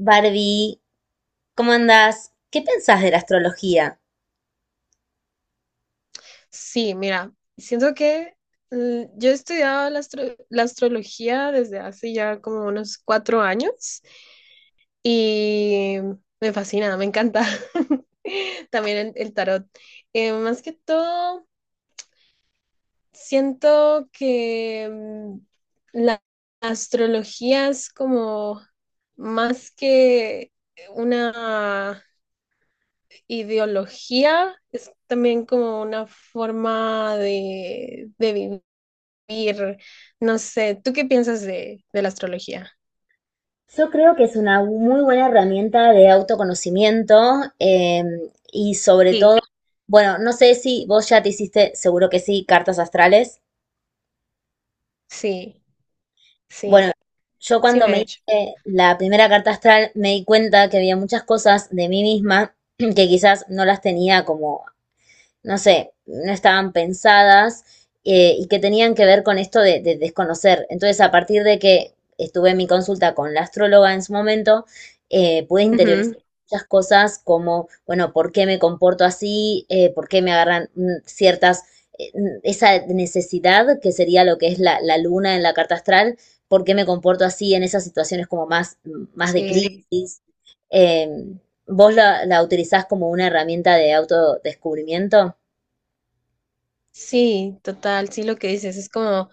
Barbie, ¿cómo andás? ¿Qué pensás de la astrología? Sí, mira, siento que yo he estudiado la astrología desde hace ya como unos 4 años y me fascina, me encanta. También el tarot. Más que todo, siento que la astrología es como más que una ideología, es también como una forma de vivir, no sé, ¿tú qué piensas de la astrología? Yo creo que es una muy buena herramienta de autoconocimiento eh, y sobre todo, Sí, bueno, no sé si vos ya te hiciste, seguro que sí, cartas astrales. Sí, Bueno, sí, yo sí cuando me he me hecho. hice la primera carta astral me di cuenta que había muchas cosas de mí misma que quizás no las tenía como no sé, no estaban pensadas y que tenían que ver con esto de desconocer. Entonces, a partir de que estuve en mi consulta con la astróloga en su momento, pude interiorizar Ujú. muchas cosas como, bueno, ¿por qué me comporto así? Por qué me agarran ciertas, esa necesidad que sería lo que es la, la luna en la carta astral? ¿Por qué me comporto así en esas situaciones como más, más de Sí, crisis? Eh, ¿Vos la, la utilizás como una herramienta de autodescubrimiento? sí, total, sí lo que dices, es como,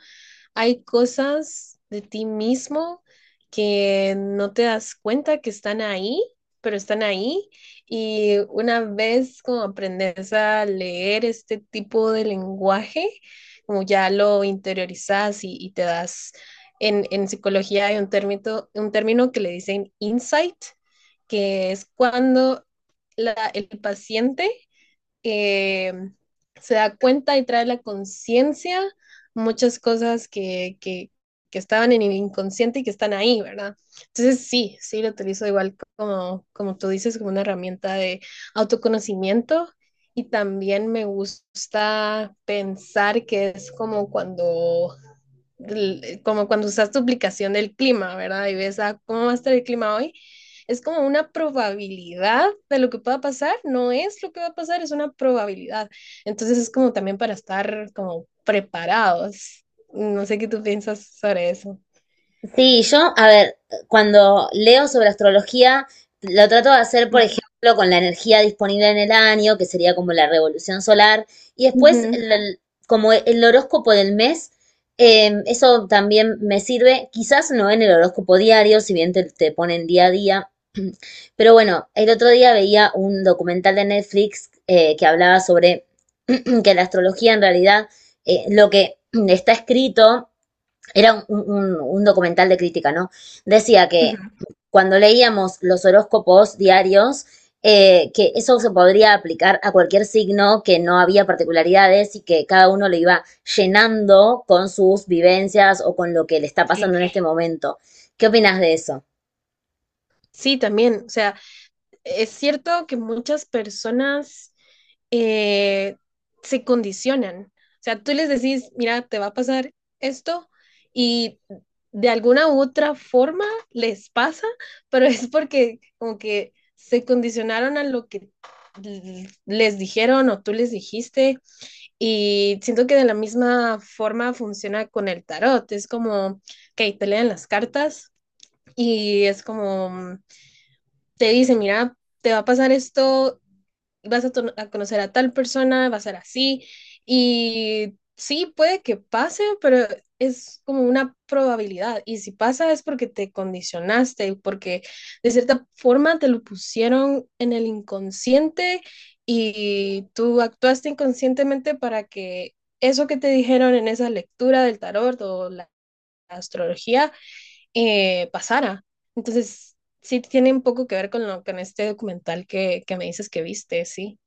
hay cosas de ti mismo que no te das cuenta que están ahí, pero están ahí. Y una vez como aprendes a leer este tipo de lenguaje, como ya lo interiorizas y te das, en psicología hay un término que le dicen insight, que es cuando el paciente eh, se da cuenta y trae la conciencia muchas cosas que estaban en el inconsciente y que están ahí, ¿verdad? Entonces sí, sí lo utilizo igual como tú dices, como una herramienta de autoconocimiento y también me gusta pensar que es como cuando usas tu aplicación del clima, ¿verdad? Y ves, ah, ¿cómo va a estar el clima hoy? Es como una probabilidad de lo que pueda pasar, no es lo que va a pasar, es una probabilidad. Entonces es como también para estar como preparados. No sé qué tú piensas sobre eso. Sí, yo, a ver, cuando leo sobre astrología, lo trato de hacer, por Ujú, ejemplo, con la energía disponible en el año, que sería como la revolución solar, y ujú, como el horóscopo del mes, eso también me sirve, quizás no en el horóscopo diario, si bien te ponen día a día, pero bueno, el otro día veía un documental de Netflix que hablaba sobre que la astrología en realidad, lo que está escrito era un documental de crítica, ¿no? Decía que ujú. cuando leíamos los horóscopos diarios, que eso se podría aplicar a cualquier signo, que no había particularidades y que cada uno lo iba llenando con sus vivencias o con lo que le está pasando Sí. en este momento. ¿Qué opinas de eso? Sí, también, o sea, es cierto que muchas personas eh, se condicionan. O sea, tú les decís, mira, te va a pasar esto y de alguna u otra forma les pasa, pero es porque como que se condicionaron a lo que les dijeron o tú les dijiste y siento que de la misma forma funciona con el tarot. Es como, ok, te leen las cartas y es como te dice, mira, te va a pasar esto, vas a, conocer a tal persona, va a ser así, y sí, puede que pase, pero es como una probabilidad, y si pasa es porque te condicionaste, y porque de cierta forma te lo pusieron en el inconsciente y tú actuaste inconscientemente para que eso que te dijeron en esa lectura del tarot o la astrología pasara. Entonces, sí tiene un poco que ver con lo, con este documental que me dices que viste, sí.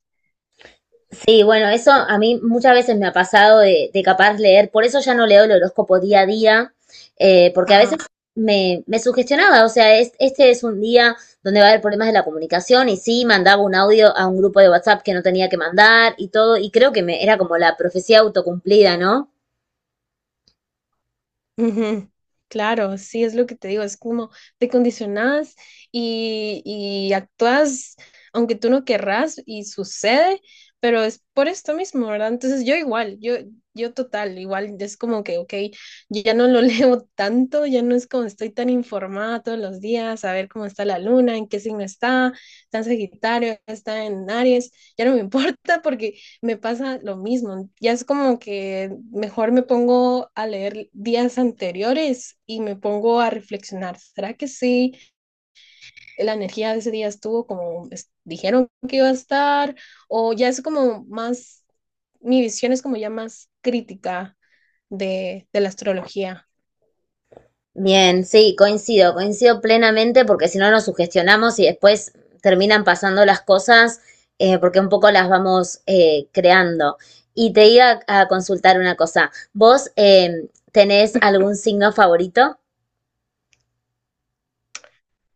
Sí, bueno, eso a mí muchas veces me ha pasado de capaz leer, por eso ya no leo el horóscopo día a día, porque a veces Ajá. Me sugestionaba, o sea, es, este es un día donde va a haber problemas de la comunicación y sí, mandaba un audio a un grupo de WhatsApp que no tenía que mandar y todo, y creo que me, era como la profecía autocumplida, ¿no? Ujú. Claro, sí es lo que te digo, es como te condicionás y actúas aunque tú no querrás y sucede, pero es por esto mismo, ¿verdad? Entonces yo igual, yo total, igual es como que, ok, yo ya no lo leo tanto, ya no es como estoy tan informada todos los días, a ver cómo está la luna, en qué signo está, está en Sagitario, está en Aries, ya no me importa porque me pasa lo mismo. Ya es como que mejor me pongo a leer días anteriores y me pongo a reflexionar. ¿Será que sí? La energía de ese día estuvo como dijeron que iba a estar, o ya es como más, mi visión es como ya más crítica de la astrología. Bien, sí, coincido, coincido plenamente porque si no nos sugestionamos y después terminan pasando las cosas porque un poco las vamos creando. Y te iba a consultar una cosa. ¿Vos tenés algún signo favorito?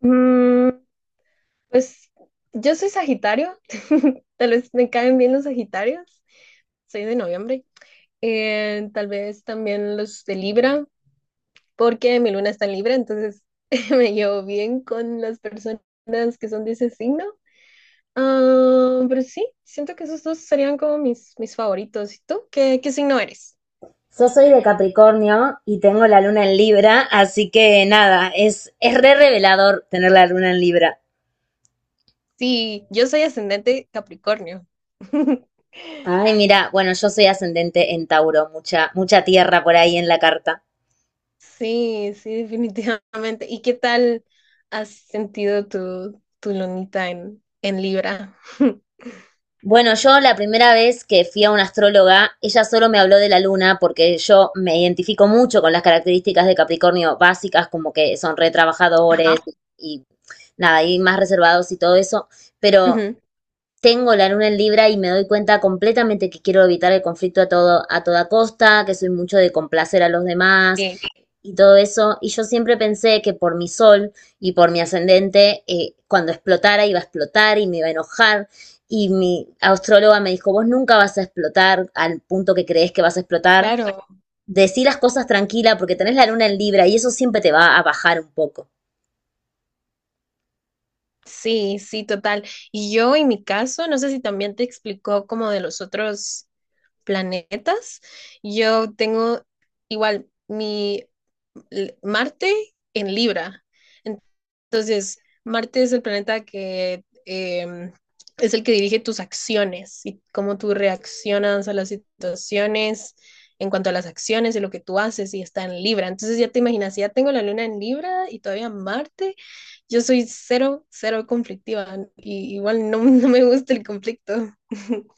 Mm, pues yo soy Sagitario, tal vez me caen bien los Sagitarios, soy de noviembre. Tal vez también los de Libra, porque mi luna está en Libra, entonces me llevo bien con las personas que son de ese signo. Ah, pero sí, siento que esos dos serían como mis favoritos. ¿Y tú? ¿Qué signo eres? Yo soy de Capricornio y tengo la luna en Libra, así que nada, es re revelador tener la luna en Libra. Sí, yo soy ascendente Capricornio. Ay, mira, bueno, yo soy ascendente en Tauro, mucha, mucha tierra por ahí en la carta. Sí, sí, definitivamente. ¿Y qué tal has sentido tu lunita en Libra? Bueno, yo la primera vez que fui a una astróloga, ella solo me habló de la luna porque yo me identifico mucho con las características de Capricornio básicas, como que son retrabajadores Ajá. y nada, y más reservados y todo eso, pero Ujú, tengo la luna en Libra y me doy cuenta completamente que quiero evitar el conflicto a todo, a toda costa, que soy mucho de complacer a los demás, sí, y todo eso. Y yo siempre pensé que por mi sol y por mi ascendente, cuando explotara iba a explotar y me iba a enojar. Y mi astróloga me dijo, vos nunca vas a explotar al punto que crees que vas a explotar. claro. Decí las cosas tranquila porque tenés la luna en Libra y eso siempre te va a bajar un poco. Sí, sí, total. Y yo en mi caso, no sé si también te explicó como de los otros planetas, yo tengo igual mi Marte en Libra. Entonces, Marte es el planeta que es el que dirige tus acciones y cómo tú reaccionas a las situaciones en cuanto a las acciones y lo que tú haces y está en Libra. Entonces ya te imaginas, si ya tengo la luna en Libra y todavía Marte, yo soy cero, cero conflictiva y igual no, no me gusta el conflicto.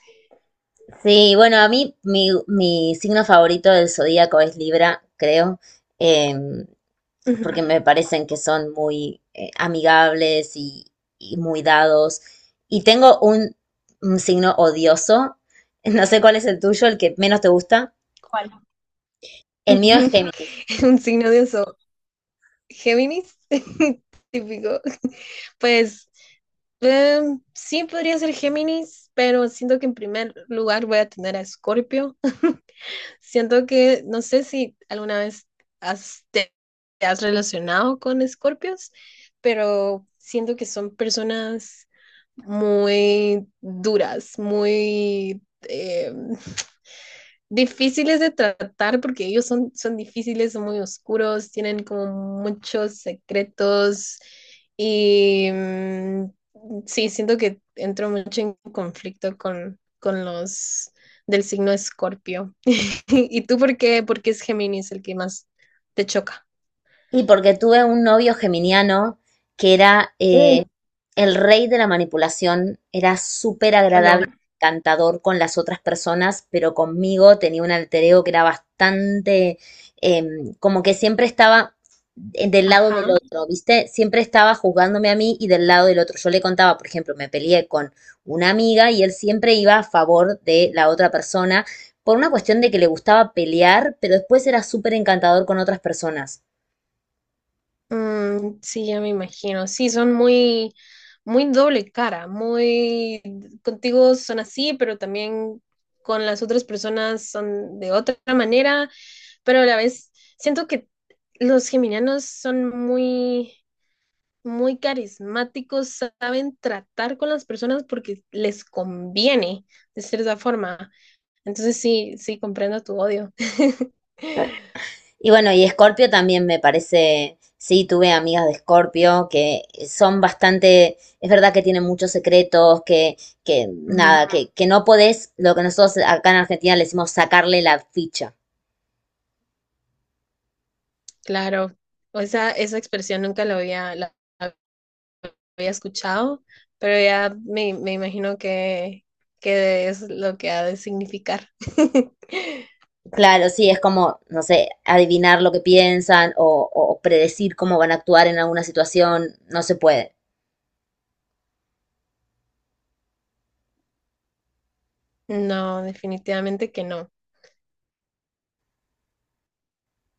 Sí, bueno, a mí mi signo favorito del zodíaco es Libra, creo. Eh, Ujú. Porque me parecen que son muy amigables y muy dados. Y tengo un signo odioso, no sé cuál es el tuyo, el que menos te gusta. ¿Cuál? El mío es Géminis. Un signo de eso, Géminis, típico. Pues Eh, sí, podría ser Géminis, pero siento que en primer lugar voy a tener a Escorpio. Siento que, no sé si alguna vez has, te, te has relacionado con Escorpios, pero siento que son personas muy duras, muy difíciles de tratar porque ellos son difíciles, son muy oscuros, tienen como muchos secretos y sí, siento que entro mucho en conflicto con los del signo Escorpio. ¿Y tú por qué? Porque es Géminis el que más te choca, Y porque tuve un novio geminiano que era Mm, el rey de la manipulación, era súper ¿o agradable, no? encantador con las otras personas, pero conmigo tenía un alter ego que era bastante, como que siempre estaba del lado del Ajá. otro, ¿viste? Siempre estaba juzgándome a mí y del lado del otro. Yo le contaba, por ejemplo, me peleé con una amiga y él siempre iba a favor de la otra persona por una cuestión de que le gustaba pelear, pero después era súper encantador con otras personas. Sí, ya me imagino. Sí, son muy, muy doble cara, muy contigo son así, pero también con las otras personas son de otra manera, pero a la vez siento que los geminianos son muy, muy carismáticos, saben tratar con las personas porque les conviene de cierta forma. Entonces sí, sí, comprendo tu odio. Y bueno, y Escorpio también me parece, sí, tuve amigas de Escorpio que son bastante, es verdad que tienen muchos secretos, que Ujú. nada, que no podés, lo que nosotros acá en Argentina le decimos sacarle la ficha. Claro, o esa expresión nunca la había escuchado, pero ya me imagino que es lo que ha de significar. Claro, sí, es como, no sé, adivinar lo que piensan o predecir cómo van a actuar en alguna situación, no se puede. No, definitivamente que no.